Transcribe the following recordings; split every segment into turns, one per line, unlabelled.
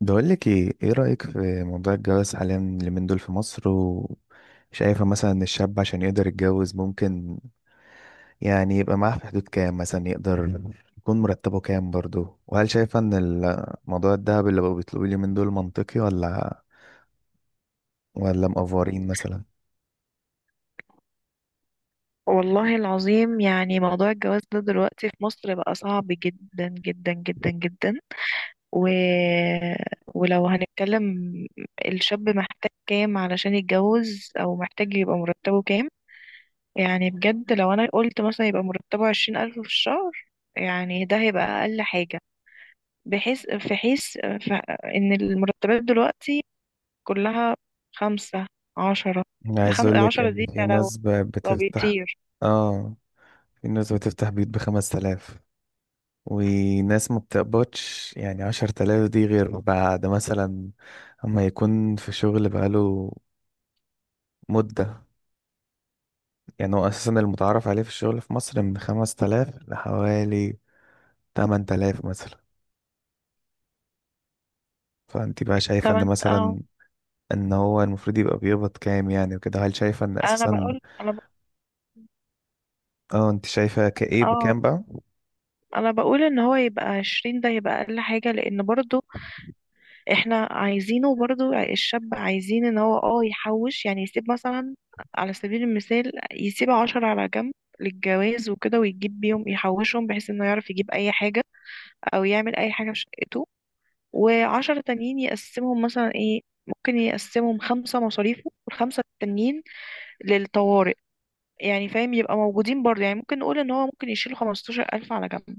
بقول لك ايه، ايه رأيك في موضوع الجواز حاليا، اليومين دول في مصر؟ وشايفة مثلا ان الشاب عشان يقدر يتجوز ممكن يعني يبقى معاه في حدود كام مثلا، يقدر يكون مرتبه كام برضه؟ وهل شايفة ان الموضوع الذهب اللي بقوا بيطلبوه اليومين دول منطقي، ولا مقفورين مثلا؟
والله العظيم يعني موضوع الجواز ده دلوقتي في مصر بقى صعب جدا جدا جدا جدا و... ولو هنتكلم الشاب محتاج كام علشان يتجوز أو محتاج يبقى مرتبه كام. يعني بجد لو أنا قلت مثلا يبقى مرتبه 20000 في الشهر، يعني ده هيبقى أقل حاجة. بحيث في حيث ف... إن المرتبات دلوقتي كلها خمسة، عشرة.
أنا عايز اقول لك
عشرة
ان
دي
في
لو
ناس
لو
بتفتح.
بيطير
اه، في ناس بتفتح بيوت ب5 آلاف، وناس ما بتقبضش يعني 10 تلاف دي غير بعد مثلا اما يكون في شغل بقاله مدة. يعني هو أساسا المتعارف عليه في الشغل في مصر من 5 تلاف لحوالي 8 تلاف مثلا. فأنت بقى شايفة إن
طبعا اه.
مثلا إن هو المفروض يبقى بيقبض كام يعني وكده؟ هل شايفة إن
انا
أساسا؟
بقول، انا
اه، أنت شايفة كإيه
اه،
بكام بقى؟
انا بقول ان هو يبقى 20، ده يبقى اقل حاجة، لان برضو احنا عايزينه، برضو الشاب عايزين ان هو اه يحوش، يعني يسيب مثلا على سبيل المثال يسيب عشرة على جنب للجواز وكده ويجيب بيهم يحوشهم، بحيث انه يعرف يجيب اي حاجة او يعمل اي حاجة في شقته. وعشرة تانيين يقسمهم مثلا ايه، ممكن يقسمهم 5 مصاريفه والخمسة التانيين للطوارئ. يعني فاهم، يبقى موجودين برضه. يعني ممكن نقول ان هو ممكن يشيل 15000 على جنب،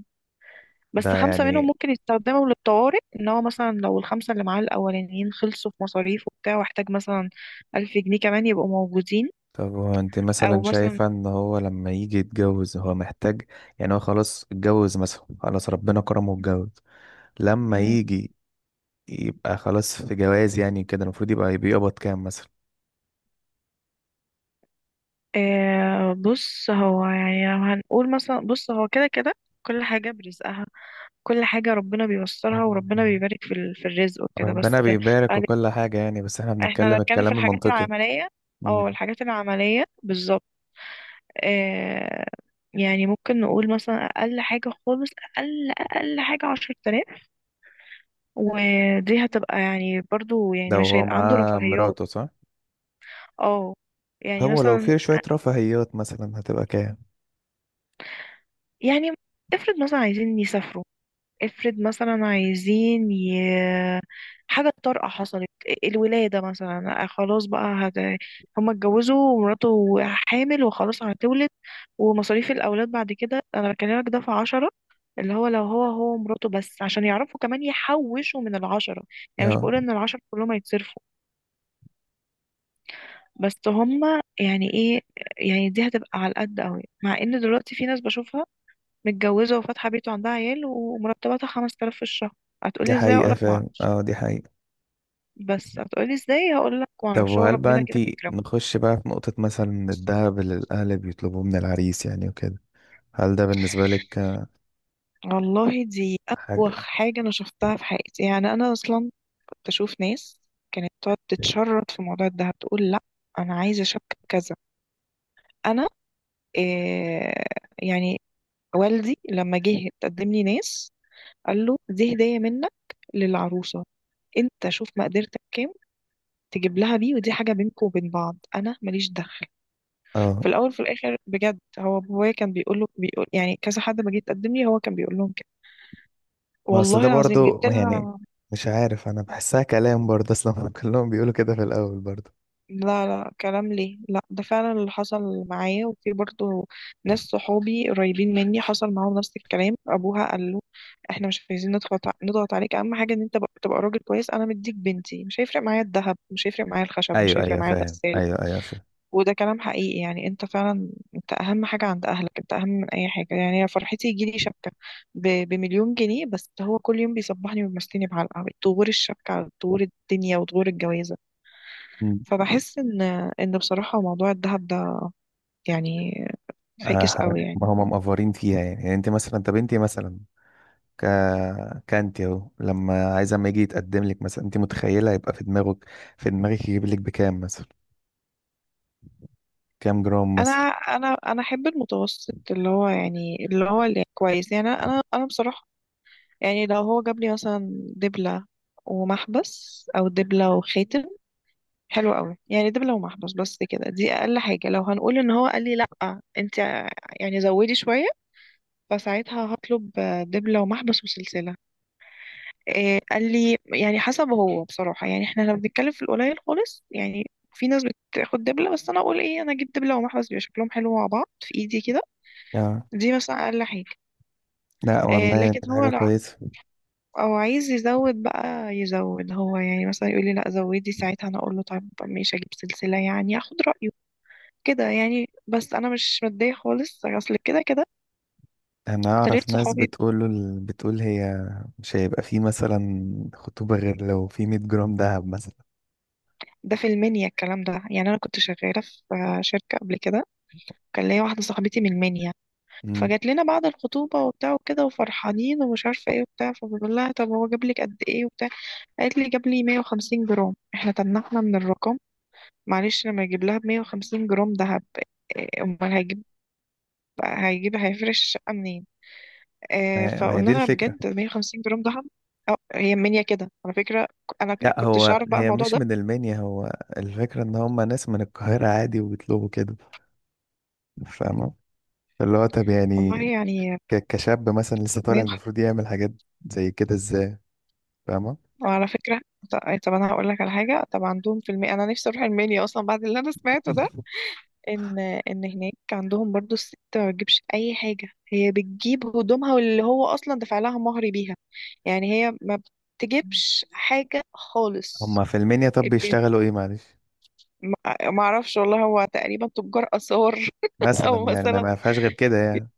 بس
ده
خمسة
يعني
منهم ممكن يستخدموا للطوارئ، ان هو مثلا لو الخمسة اللي معاه الأولانيين خلصوا في مصاريف وبتاع، واحتاج مثلا 1000 جنيه كمان يبقوا موجودين.
طب هو أنت
أو
مثلا
مثلا
شايفة إن هو لما يجي يتجوز هو محتاج يعني، هو خلاص اتجوز مثلا، خلاص ربنا كرمه واتجوز، لما
مم،
يجي يبقى خلاص في جواز يعني كده المفروض يبقى بيقبض كام مثلا؟
آه بص، هو يعني لو هنقول مثلا، بص هو كده كده كل حاجة برزقها، كل حاجة ربنا بيوصلها، وربنا بيبارك في الرزق وكده،
ربنا
بس
بيبارك وكل حاجة يعني، بس احنا
احنا
بنتكلم
بنتكلم في
الكلام
الحاجات
المنطقي.
العملية. اه،
مم.
الحاجات العملية بالظبط. آه يعني ممكن نقول مثلا أقل حاجة خالص، أقل حاجة 10000. ودي هتبقى يعني برضو،
ده
يعني مش
وهو
هيبقى عنده
معاه
رفاهيات.
مراته، صح؟
اه يعني
هو لو
مثلا،
في شوية رفاهيات مثلا هتبقى كام؟
يعني افرض مثلا عايزين يسافروا، افرض مثلا حاجة طارئة حصلت إيه، الولادة مثلا آه، خلاص بقى هما اتجوزوا ومراته حامل وخلاص هتولد. ومصاريف الأولاد بعد كده أنا بكلمك، ده في 10 اللي هو لو هو ومراته بس، عشان يعرفوا كمان يحوشوا من العشرة. يعني مش
اه،
بقول إن العشرة كلهم هيتصرفوا، بس هما يعني ايه، يعني دي هتبقى على القد قوي. مع ان دلوقتي في ناس بشوفها متجوزة وفاتحة بيت وعندها عيال ومرتباتها 5000 في الشهر.
دي
هتقولي ازاي؟
حقيقة
اقولك
فعلا،
معرفش.
اه دي حقيقة.
بس هتقولي ازاي؟ هقول لك
طب
معرفش، هو
وهل بقى
ربنا كده
انتي
بيكرمه.
نخش بقى في نقطة مثلا الذهب اللي الأهل بيطلبوه من العريس يعني وكده، هل ده بالنسبة لك
والله دي
حاجة؟
أبوخ حاجة أنا شفتها في حياتي، يعني أنا أصلا كنت أشوف ناس كانت تقعد تتشرط في موضوع الدهب، تقول لأ أنا عايزة شبكة كذا، أنا إيه، يعني. والدي لما جه تقدم لي ناس، قال له: دي هدية منك للعروسة، أنت شوف مقدرتك كام تجيب لها بيه، ودي حاجة بينكم وبين بعض، أنا ماليش دخل.
اه،
في الاول في الاخر بجد، هو بابايا كان بيقول له، بيقول يعني كذا حد ما جه يتقدم لي، هو كان بيقول لهم كده
ما اصل ده
والله العظيم
برضو
جبت
ما يعني،
لها.
مش عارف، انا بحسها كلام برضه اصلا. كلهم بيقولوا كده في الاول برضه.
لا لا، كلام ليه؟ لا ده فعلا اللي حصل معايا. وفي برضه ناس صحابي قريبين مني حصل معاهم نفس الكلام، ابوها قال له: احنا مش عايزين نضغط نضغط عليك، اهم حاجه ان انت تبقى راجل كويس، انا مديك بنتي، مش هيفرق معايا الذهب، مش هيفرق معايا الخشب، مش
ايوه
هيفرق
ايوه
معايا
فاهم،
الغساله.
ايوه ايوه فاهم.
وده كلام حقيقي، يعني انت فعلا انت اهم حاجة عند اهلك، انت اهم من اي حاجة. يعني انا فرحتي يجيلي شبكة بـ1000000 جنيه، بس هو كل يوم بيصبحني ويمسكني بعلقة، طغور الشبكة على طغور الدنيا وطغور الجوازة.
مم.
فبحس ان، ان بصراحة موضوع الذهب ده يعني
آه،
فاكس
ح-
قوي
ما
يعني.
هم مقفرين فيها يعني. يعني انت مثلا، طب انت مثلا ك كانت اهو لما عايز اما يجي يتقدم لك مثلا، انت متخيله يبقى في دماغك، في دماغك يجيب لك بكام مثلا؟ كام جرام
انا
مثلا؟
انا انا احب المتوسط، اللي هو يعني اللي هو اللي كويس. يعني انا انا أنا بصراحة يعني لو هو جاب لي مثلا دبلة ومحبس، او دبلة وخاتم، حلو قوي يعني. ده لو محبس بس كده دي اقل حاجه. لو هنقول ان هو قال لي: لا انت يعني زودي شويه، فساعتها هطلب دبلة ومحبس وسلسله، إيه قال لي، يعني حسب. هو بصراحه يعني احنا لو بنتكلم في القليل خالص، يعني في ناس بتاخد دبلة بس، انا اقول ايه، انا اجيب دبلة ومحبس، بيبقى شكلهم حلو مع بعض في ايدي كده.
اه،
دي مثلا اقل حاجه.
لا
إيه،
والله
لكن
كانت
هو
حاجة
لو
كويسة.
او عايز يزود بقى يزود، هو يعني مثلا يقول لي: لا زودي، ساعتها انا اقول له طيب ماشي اجيب سلسله، يعني اخد رايه كده. يعني بس انا مش متضايقه خالص، اصل كده كده
انا اعرف
اكتريت
ناس
صحابي،
بتقول له، بتقول هي مش هيبقى في مثلا خطوبه غير لو في 100 جرام دهب مثلا.
ده في المنيا الكلام ده. يعني انا كنت شغاله في شركه قبل كده، كان ليا واحده صاحبتي من المنيا، فجات لنا بعد الخطوبه وبتاع وكده وفرحانين ومش عارفه ايه وبتاع، فبقول لها: طب هو جاب لك قد ايه وبتاع؟ قالت لي جاب لي 150 جرام. احنا تنحنا من الرقم، معلش لما يجيب لها ب 150 جرام دهب، إيه، امال هيجيب هيفرش الشقه منين؟ آه،
ما هي
فقلنا
دي
لها
الفكرة.
بجد 150 جرام ذهب؟ أو هي منيا كده على فكرة، أنا
لا،
كنتش
هو
أعرف بقى
هي
الموضوع
مش
ده
من المنيا، هو الفكرة ان هم ناس من القاهرة عادي وبيطلبوا كده، فاهمة؟ فاللي هو طب يعني
والله يعني.
كشاب مثلا لسه طالع،
منين خ-
المفروض يعمل حاجات زي كده ازاي؟ فاهمة؟
وعلى فكرة طب أنا هقول لك على حاجة. طب عندهم في المنيا أنا نفسي أروح المنيا أصلا بعد اللي أنا سمعته ده، إن هناك عندهم برضو الست ما بتجيبش أي حاجة، هي بتجيب هدومها، واللي هو أصلا دفع لها مهر بيها. يعني هي ما بتجيبش حاجة خالص
هم في المنيا طب
البنت.
بيشتغلوا ايه معلش؟
ما اعرفش والله، هو تقريبا تجار اثار
مثلا
او
يعني ما
مثلا
ما فيهاش غير كده يعني؟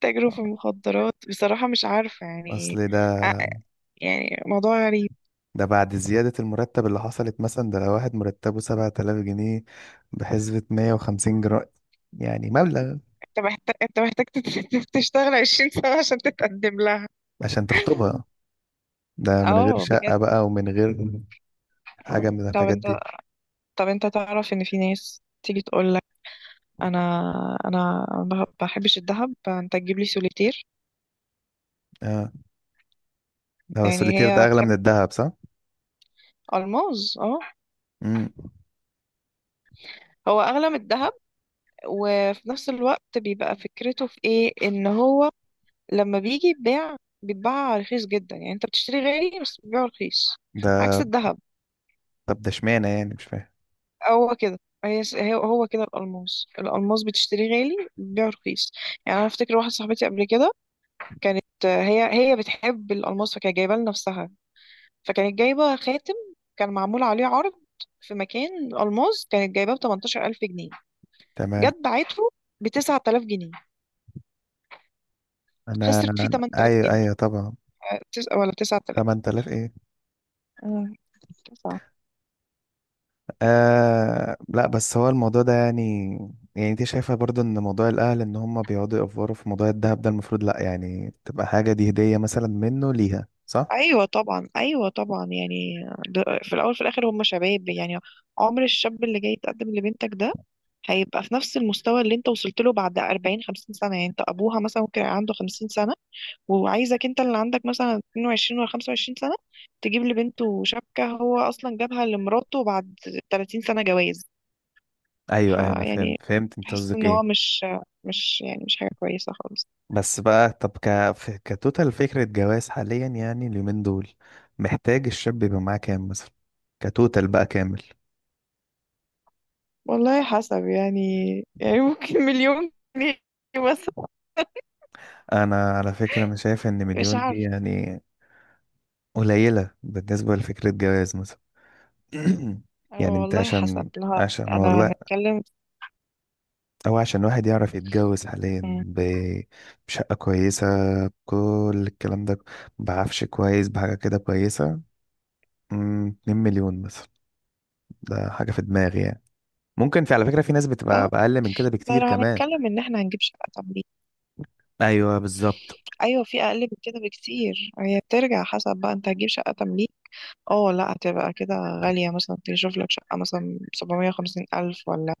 تاجروا في المخدرات، بصراحة مش عارفة يعني
اصل ده،
ع- يعني موضوع غريب.
ده بعد زيادة المرتب اللي حصلت مثلا، ده لو واحد مرتبه 7 آلاف جنيه بحسبة 150 جرام، يعني مبلغ
انت محتاج تشتغل 20 سنة عشان تتقدم لها.
عشان تخطبها، ده من غير
اه بجد.
شقة بقى ومن غير حاجة من
طب
الحاجات
انت
دي.
طب انت تعرف ان في ناس تيجي تقول لك: انا انا ما بحبش الذهب، فانت تجيب لي سوليتير.
اه، ده
يعني
السوليتير ده
هي
أغلى من
بتحب
الذهب، صح؟
الماس اه،
امم،
هو اغلى من الذهب. وفي نفس الوقت بيبقى فكرته في ايه، ان هو لما بيجي يتباع بيتباع رخيص جدا، يعني انت بتشتري غالي بس بتبيعه رخيص، عكس
ده
الذهب.
طب ده اشمعنى يعني؟ مش فاهم.
هو كده، هو كده، الألماس، الألماس بتشتريه غالي بتبيعه رخيص. يعني أنا أفتكر واحدة صاحبتي قبل كده كانت آه، هي بتحب الألماس فكانت جايباه لنفسها، فكانت جايبة خاتم كان معمول عليه عرض في مكان ألماس، كانت جايباه ب 18000 جنيه،
تمام.
جت باعته ب 9000 جنيه،
أنا
خسرت فيه 8000
أيوه
جنيه
أيوه طبعا.
آه، ولا 9000،
8000 إيه؟
تسعة.
آه، لا بس هو الموضوع ده يعني، يعني أنت شايفة برضو إن موضوع الأهل إن هم بيقعدوا يأفوروا في موضوع الذهب ده المفروض لا، يعني تبقى حاجة دي هدية مثلا منه ليها، صح؟
ايوه طبعا، ايوه طبعا يعني في الاول في الاخر هم شباب، يعني عمر الشاب اللي جاي يتقدم لبنتك ده هيبقى في نفس المستوى اللي انت وصلت له بعد 40، 50 سنه. يعني انت ابوها مثلا ممكن يبقى عنده 50 سنه، وعايزك انت اللي عندك مثلا 22 ولا 25 سنه تجيب لبنته شبكه، هو اصلا جابها لمراته بعد 30 سنه جواز.
أيوه أيوه، أنا
فيعني
فهمت فهمت أنت
بحس
قصدك
ان هو
إيه.
مش، مش حاجه كويسه خالص.
بس بقى طب ك... ف- كتوتال فكرة جواز حاليا يعني اليومين دول، محتاج الشاب يبقى معاه كام مثلا كتوتال بقى كامل؟
والله حسب يعني، يعني ممكن 1000000 جنيه مثلا،
انا على فكرة انا شايف ان
مش
مليون دي
عارفه.
يعني قليلة بالنسبة لفكرة جواز مثلا.
اه
يعني انت
والله حسب.
عشان،
لا انا
والله
هنتكلم.
او عشان واحد يعرف يتجوز حاليا
مم.
بشقة كويسة، بكل الكلام ده، بعفش كويس، بحاجة كده كويسة، مم، 2 مليون مثلا. ده حاجة في دماغي يعني. ممكن في، على فكرة، في ناس بتبقى
لا
بأقل من كده
لا،
بكتير
لو
كمان.
هنتكلم ان احنا هنجيب شقة تمليك،
ايوه بالظبط،
ايوه في اقل من كده بكتير، هي بترجع حسب بقى، انت هتجيب شقة تمليك؟ اه لا هتبقى كده غالية، مثلا تشوف لك شقة مثلا 750000 ولا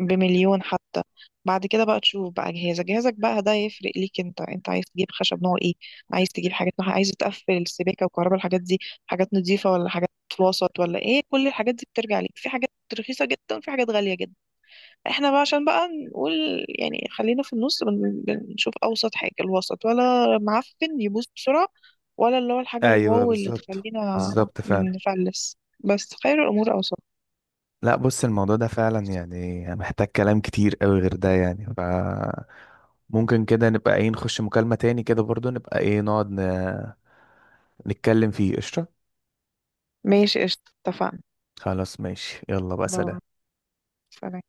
بـ1000000 حتى. بعد كده بقى تشوف بقى جهازك، جهازك بقى ده يفرق ليك، انت انت عايز تجيب خشب نوع ايه، عايز تجيب حاجات نوع إيه؟ عايز تقفل السباكة والكهرباء، الحاجات دي حاجات نظيفة ولا حاجات وسط ولا ايه؟ كل الحاجات دي بترجع ليك، في حاجات رخيصة جدا وفي حاجات غالية جدا. احنا بقى عشان بقى نقول، يعني خلينا في النص، بنشوف اوسط حاجه، الوسط ولا معفن يبوظ بسرعه، ولا اللي هو الحاجه
ايوه
الواو اللي
بالظبط
تخلينا
بالظبط فعلا.
نفلس. بس خير الامور اوسط.
لا بص، الموضوع ده فعلا يعني محتاج كلام كتير قوي غير ده. يعني ممكن كده نبقى ايه، نخش مكالمة تاني كده برضو، نبقى ايه، نتكلم فيه، قشطة؟
ماشي قشطه اتفقنا.
خلاص ماشي، يلا بقى، سلام.
باي. سلام.